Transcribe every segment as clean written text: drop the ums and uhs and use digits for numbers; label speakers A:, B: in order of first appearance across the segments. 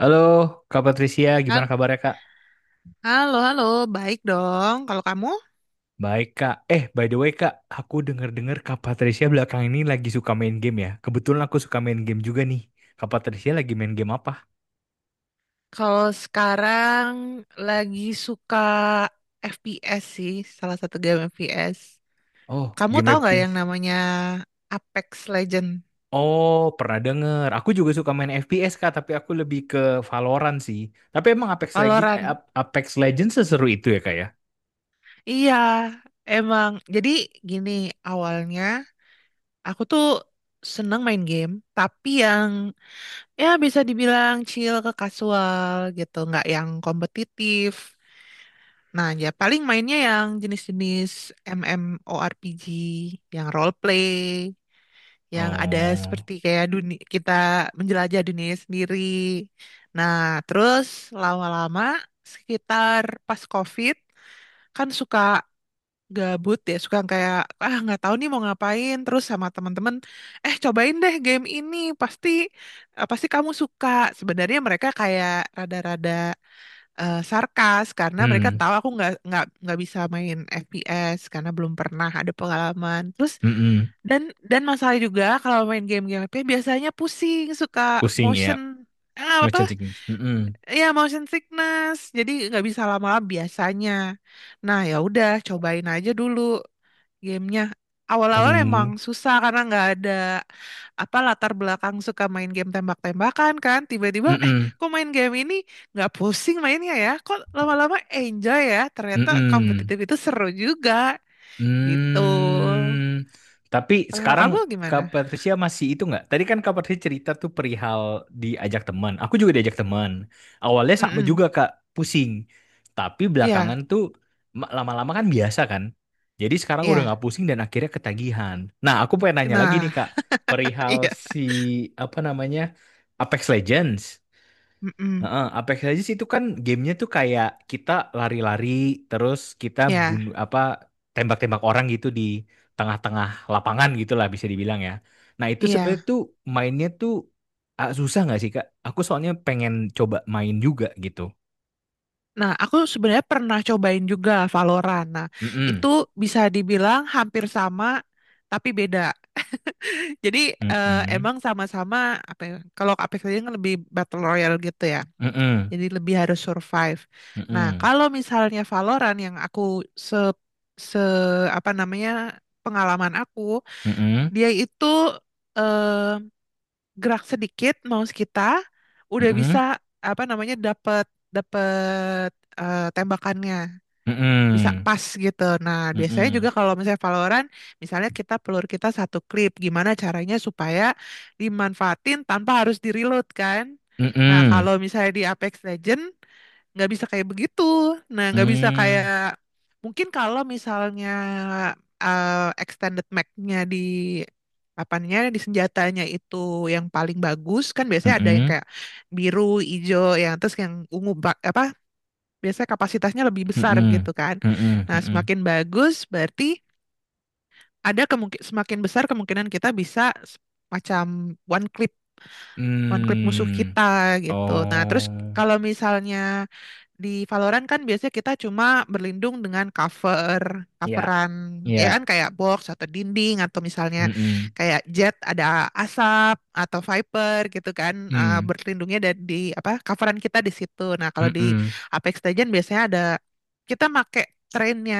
A: Halo, Kak Patricia, gimana
B: Hal-
A: kabarnya Kak?
B: Halo, halo, baik dong. Kalau kamu,
A: Baik Kak. By the way Kak, aku denger-dengar Kak Patricia belakang ini lagi suka main game ya. Kebetulan aku suka main game juga nih. Kak Patricia lagi main game apa?
B: kalau sekarang lagi suka FPS sih, salah satu game FPS.
A: Oh,
B: Kamu
A: game
B: tahu nggak yang
A: FPS.
B: namanya Apex Legend,
A: Oh, pernah denger. Aku juga suka main FPS Kak, tapi aku lebih ke Valorant sih. Tapi emang Apex Legends,
B: Valorant?
A: Apex Legends seseru itu ya Kak ya?
B: Iya, emang. Jadi gini, awalnya aku tuh seneng main game, tapi yang ya bisa dibilang chill ke casual gitu, nggak yang kompetitif. Nah, ya paling mainnya yang jenis-jenis MMORPG, yang role play, yang ada
A: Oh,
B: seperti kayak dunia kita menjelajah dunia sendiri. Nah, terus lama-lama sekitar pas COVID kan suka gabut ya, suka kayak ah nggak tahu nih mau ngapain. Terus sama teman-teman, eh cobain deh game ini, pasti pasti kamu suka. Sebenarnya mereka kayak rada-rada sarkas karena mereka
A: hmm,
B: tahu aku nggak bisa main FPS karena belum pernah ada pengalaman. Terus
A: mm-mm.
B: dan dan masalah juga kalau main game-game FPS biasanya pusing, suka
A: Pusing
B: motion
A: ya. No
B: apa?
A: chanting. Mm-mm.
B: Ya motion sickness. Jadi nggak bisa lama-lama biasanya. Nah, ya udah cobain aja dulu gamenya.
A: Oh,
B: Awal-awal emang
A: mm-mm.
B: susah karena nggak ada apa latar belakang suka main game tembak-tembakan kan. Tiba-tiba, eh kok main game ini nggak pusing mainnya ya? Kok lama-lama enjoy ya? Ternyata
A: Mm-mm.
B: kompetitif itu seru juga gitu.
A: Hmm, tapi
B: Kalau
A: sekarang
B: kamu gimana?
A: Kak Patricia masih itu nggak? Tadi kan Kak Patricia cerita tuh perihal diajak teman. Aku juga diajak teman. Awalnya sama juga
B: Mm-mm.
A: Kak, pusing. Tapi
B: Iya,
A: belakangan tuh lama-lama kan biasa kan. Jadi sekarang udah
B: iya.
A: nggak pusing dan akhirnya ketagihan. Nah, aku pengen nanya lagi nih
B: Nah,
A: Kak, perihal
B: iya.
A: si apa namanya Apex Legends.
B: Mm-mm.
A: Heeh, Apex Legends itu kan gamenya tuh kayak kita lari-lari terus kita
B: Iya,
A: bunuh apa tembak-tembak orang gitu di tengah-tengah lapangan gitu lah bisa dibilang ya. Nah itu sebenarnya
B: iya.
A: tuh mainnya tuh ah, susah nggak sih Kak? Aku soalnya pengen coba main juga gitu.
B: Nah, aku sebenarnya pernah cobain juga Valorant. Nah, itu
A: Mm-mm.
B: bisa dibilang hampir sama tapi beda. Jadi
A: Mm-mm.
B: emang sama-sama apa ya, kalau Apex Legends kan lebih battle royale gitu ya.
A: Mm-mm.
B: Jadi lebih harus survive. Nah, kalau misalnya Valorant yang aku se se apa namanya pengalaman aku,
A: Mm-mm. Mm-mm.
B: dia itu eh, gerak sedikit mouse kita udah bisa apa namanya dapat dapat tembakannya bisa
A: Mm-mm.
B: pas gitu. Nah,
A: Mm-mm.
B: biasanya juga
A: Mm-mm.
B: kalau misalnya Valorant, misalnya kita pelur kita satu klip, gimana caranya supaya dimanfaatin tanpa harus di-reload kan? Nah, kalau misalnya di Apex Legend nggak bisa kayak begitu. Nah, nggak bisa
A: Mm-mm.
B: kayak
A: Mm.
B: mungkin kalau misalnya eh, extended mag-nya di apanya di senjatanya itu yang paling bagus kan biasanya ada yang
A: Mm-mm.
B: kayak biru, hijau, yang terus yang ungu apa biasanya kapasitasnya lebih besar gitu
A: Mm-mm.
B: kan.
A: Mm-mm.
B: Nah,
A: Mm-mm.
B: semakin bagus berarti ada kemungkin semakin besar kemungkinan kita bisa s- macam one click one-click musuh
A: Mm.
B: kita gitu. Nah, terus
A: Oh,
B: kalau misalnya di Valorant kan biasanya kita cuma berlindung dengan cover,
A: ya,
B: coveran ya kan
A: ya,
B: kayak box atau dinding atau misalnya
A: mm-mm,
B: kayak jet ada asap atau Viper gitu kan
A: mm,
B: berlindungnya dari di apa coveran kita di situ. Nah, kalau di
A: mm-mm,
B: Apex Legends biasanya ada kita make trennya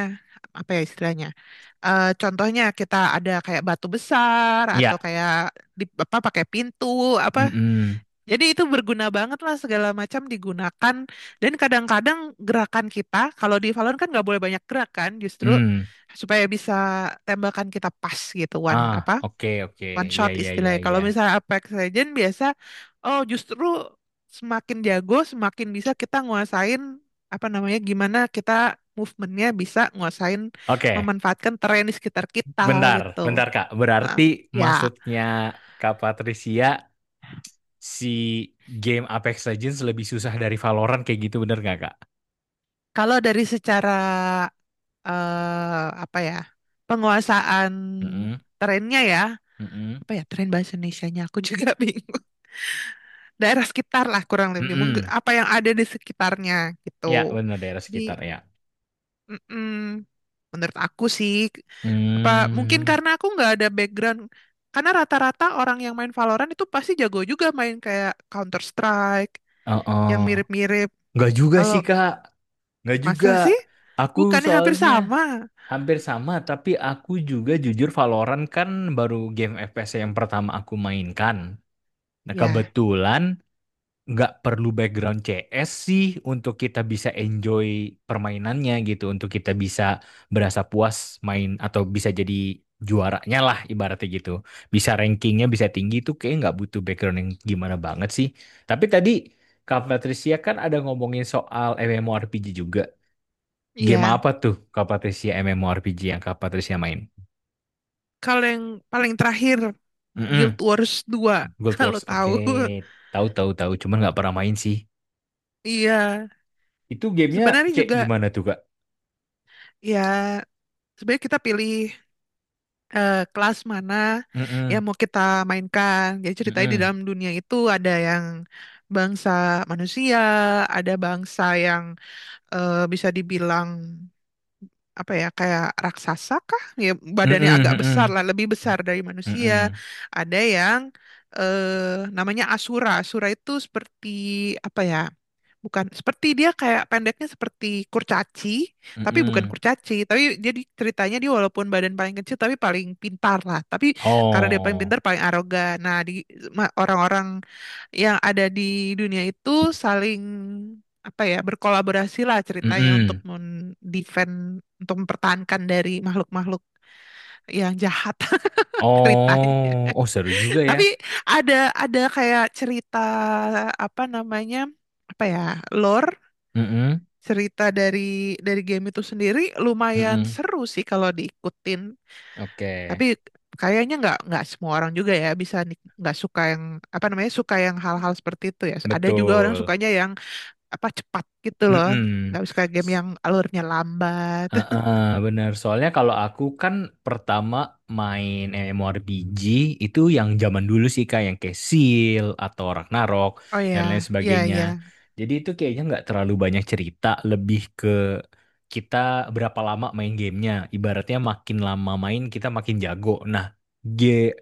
B: apa ya istilahnya? Contohnya kita ada kayak batu besar atau
A: ya,
B: kayak di apa pakai pintu apa
A: mm-mm,
B: jadi itu berguna banget lah segala macam digunakan. Dan kadang-kadang gerakan kita, kalau di Valorant kan nggak boleh banyak gerakan justru
A: mm.
B: supaya bisa tembakan kita pas gitu, one apa
A: Ah, oke, oke,
B: one
A: ya,
B: shot
A: ya, ya,
B: istilahnya. Kalau
A: ya.
B: misalnya Apex Legend biasa, oh justru semakin jago, semakin bisa kita nguasain apa namanya, gimana kita movementnya bisa nguasain
A: Oke,
B: memanfaatkan terrain di sekitar kita
A: bentar,
B: gitu.
A: bentar, Kak.
B: Nah,
A: Berarti
B: ya
A: maksudnya Kak Patricia, si game Apex Legends lebih susah dari Valorant kayak gitu, bener nggak, Kak?
B: kalau dari secara apa ya penguasaan
A: Mm-mm,
B: trennya ya,
A: mm-mm,
B: apa ya tren bahasa Indonesianya aku juga bingung, daerah sekitar lah kurang lebih mungkin
A: mm-mm.
B: apa yang ada di sekitarnya
A: Ya,
B: gitu.
A: bener, daerah
B: Jadi
A: sekitar, ya.
B: mm-mm, menurut aku sih apa mungkin
A: Hmm,
B: karena aku nggak ada background, karena rata-rata orang yang main Valorant itu pasti jago juga main kayak Counter Strike
A: oh,
B: yang
A: oh.
B: mirip-mirip.
A: Nggak juga
B: Kalau
A: sih, Kak. Nggak
B: masa
A: juga.
B: sih
A: Aku
B: bukannya hampir
A: soalnya...
B: sama
A: Hampir sama, tapi aku juga jujur Valorant kan baru game FPS yang pertama aku mainkan. Nah,
B: ya
A: kebetulan nggak perlu background CS sih untuk kita bisa enjoy permainannya gitu, untuk kita bisa berasa puas main atau bisa jadi juaranya lah ibaratnya gitu. Bisa rankingnya bisa tinggi itu kayak nggak butuh background yang gimana banget sih. Tapi tadi Kak Patricia kan ada ngomongin soal MMORPG juga. Game
B: iya.
A: apa tuh Kak Patricia MMORPG yang Kak Patricia main?
B: Kalau yang paling terakhir Guild
A: Mm-mm.
B: Wars 2
A: Guild
B: kalau
A: Wars. Oke.
B: tahu.
A: Tahu tahu tahu, cuman nggak pernah main sih.
B: Iya,
A: Itu gamenya
B: sebenarnya
A: kayak
B: juga
A: gimana tuh, Kak?
B: ya sebenarnya kita pilih kelas mana yang
A: Mm-mm.
B: mau kita mainkan. Jadi ceritanya di
A: Mm-mm.
B: dalam dunia itu ada yang bangsa manusia, ada bangsa yang bisa dibilang apa ya kayak raksasa kah? Ya badannya
A: Mm-mm.
B: agak besar
A: Mm-mm.
B: lah, lebih besar dari manusia.
A: Mm-mm.
B: Ada yang eh namanya Asura. Asura itu seperti apa ya? Bukan seperti dia kayak pendeknya seperti kurcaci, tapi bukan
A: Mm-mm.
B: kurcaci. Tapi jadi ceritanya dia walaupun badan paling kecil tapi paling pintar lah. Tapi karena dia paling pintar
A: Oh.
B: paling arogan. Nah, di orang-orang yang ada di dunia itu saling apa ya berkolaborasi lah ceritanya untuk
A: Mm-mm.
B: mendefend untuk mempertahankan dari makhluk-makhluk yang jahat ceritanya.
A: Oh. Oh, seru juga ya.
B: Tapi ada ada kayak cerita apa namanya? Apa ya lore
A: Mm-mm.
B: cerita dari game itu sendiri lumayan
A: Mm-mm.
B: seru sih kalau diikutin.
A: Oke.
B: Tapi kayaknya nggak semua orang juga ya bisa nggak suka yang apa namanya suka yang hal-hal seperti itu ya. Ada juga orang
A: Betul.
B: sukanya yang apa cepat gitu loh.
A: Mm-mm.
B: Nggak suka game yang alurnya lambat.
A: Heeh, bener. Soalnya kalau aku kan pertama main MMORPG itu yang zaman dulu sih kayak yang kayak Seal atau Ragnarok
B: Oh
A: dan lain
B: ya, ya
A: sebagainya.
B: ya.
A: Jadi itu kayaknya nggak terlalu banyak cerita, lebih ke kita berapa lama main gamenya. Ibaratnya makin lama main kita makin jago. Nah, G-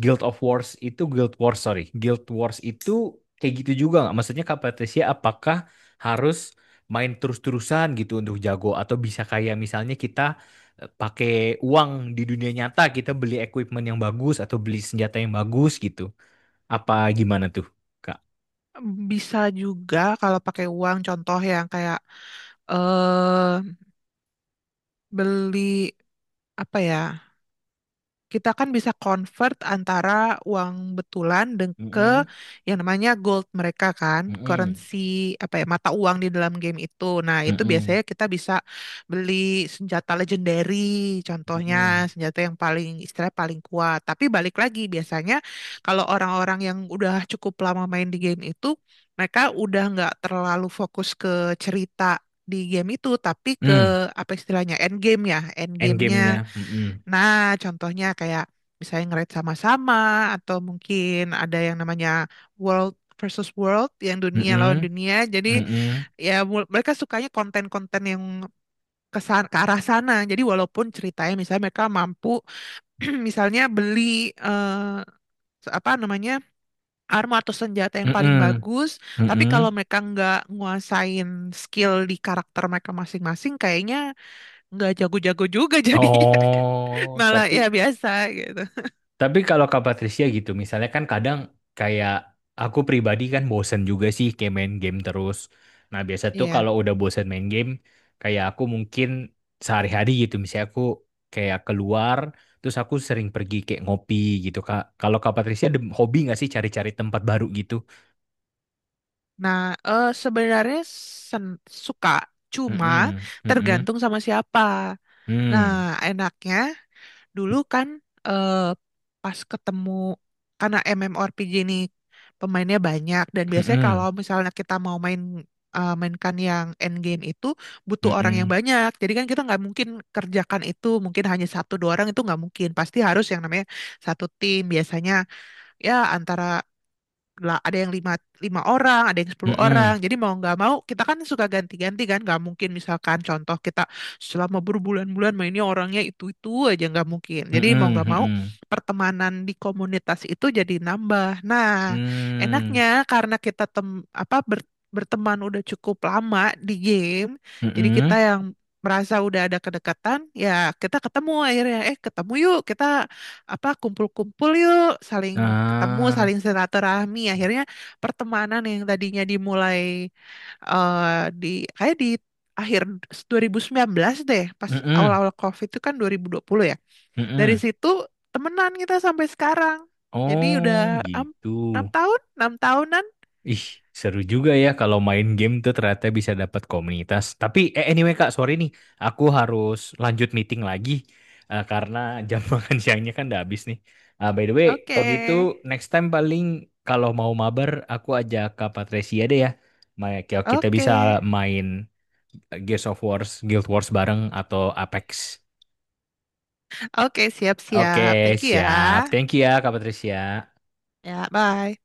A: Guild of Wars itu Guild Wars sorry, Guild Wars itu kayak gitu juga nggak? Maksudnya Kak Patricia apakah harus main terus-terusan gitu untuk jago atau bisa kayak misalnya kita pakai uang di dunia nyata kita beli equipment yang bagus atau beli senjata yang bagus gitu. Apa gimana tuh, Kak?
B: Bisa juga kalau pakai uang contoh yang kayak eh beli apa ya? Kita kan bisa convert antara uang betulan dan ke
A: Mm-mm.
B: yang namanya gold mereka kan,
A: Mm-mm.
B: currency apa ya mata uang di dalam game itu. Nah, itu
A: Mm-mm.
B: biasanya kita bisa beli senjata legendary contohnya
A: Mm-mm.
B: senjata yang paling istilahnya paling kuat. Tapi balik lagi biasanya kalau orang-orang yang udah cukup lama main di game itu, mereka udah nggak terlalu fokus ke cerita di game itu tapi ke
A: Mm.
B: apa istilahnya end game ya end
A: Endgame-nya.
B: gamenya.
A: Mm-mm.
B: Nah, contohnya kayak misalnya nge-rate sama-sama atau mungkin ada yang namanya world versus world yang dunia lawan
A: Mm-mm,
B: dunia. Jadi
A: mm-mm,
B: ya mereka sukanya konten-konten yang kesan ke arah sana. Jadi walaupun ceritanya misalnya mereka mampu misalnya beli apa namanya armor atau senjata yang paling
A: mm-mm,
B: bagus, tapi kalau
A: mm-mm.
B: mereka nggak nguasain skill di karakter mereka masing-masing, kayaknya nggak jago-jago juga jadinya.
A: Oh,
B: Malah ya biasa gitu.
A: tapi kalau Kak Patricia gitu, misalnya kan kadang kayak aku pribadi kan bosen juga sih kayak main game terus. Nah, biasa tuh
B: Iya.
A: kalau udah bosen main game, kayak aku mungkin sehari-hari gitu, misalnya aku kayak keluar, terus aku sering pergi kayak ngopi gitu, Kak. Kalau Kak Patricia ada hobi nggak sih cari-cari tempat baru gitu?
B: Nah, sebenarnya sen- suka, cuma
A: Mm-mm, mm-mm,
B: tergantung sama siapa. Nah,
A: mm,
B: enaknya dulu kan eh pas ketemu karena MMORPG ini pemainnya banyak dan biasanya kalau
A: mm-mm,
B: misalnya kita mau main mainkan yang endgame itu butuh orang yang
A: mm-mm,
B: banyak. Jadi kan kita nggak mungkin kerjakan itu mungkin hanya satu dua orang itu nggak mungkin. Pasti harus yang namanya satu tim biasanya ya antara lah ada yang lima, lima orang, ada yang sepuluh
A: mm-mm.
B: orang. Jadi mau nggak mau kita kan suka ganti-ganti kan. Nggak mungkin misalkan contoh kita selama berbulan-bulan mainnya orangnya itu-itu aja nggak mungkin. Jadi mau
A: Mhm
B: nggak mau
A: mhm.
B: pertemanan di komunitas itu jadi nambah. Nah,
A: Mmm,
B: enaknya karena kita apa ber- berteman udah cukup lama di game, jadi kita
A: mhm.
B: yang merasa udah ada kedekatan, ya kita ketemu akhirnya, eh ketemu yuk kita apa kumpul-kumpul yuk, saling ketemu,
A: Ah,
B: saling silaturahmi. Akhirnya pertemanan yang tadinya dimulai eh, di kayak di akhir 2019 deh, pas
A: mhm
B: awal-awal COVID itu kan 2020 ya. Dari
A: mhm.
B: situ temenan kita sampai sekarang. Jadi udah
A: Oh,
B: am-
A: gitu.
B: 6 tahun, 6 tahunan.
A: Ih, seru juga ya kalau main game tuh ternyata bisa dapat komunitas. Tapi anyway Kak, sorry nih, aku harus lanjut meeting lagi karena jam makan siangnya kan udah habis nih. Ah, by the way,
B: Oke,
A: kalau gitu next time paling kalau mau mabar aku ajak Kak Patricia deh ya. Kayak Kita
B: oke,
A: bisa main Gears of Wars, Guild Wars bareng atau Apex.
B: oke,
A: Oke,
B: siap-siap. Thank you ya.
A: siap. Thank you ya Kak Patricia.
B: Ya, bye.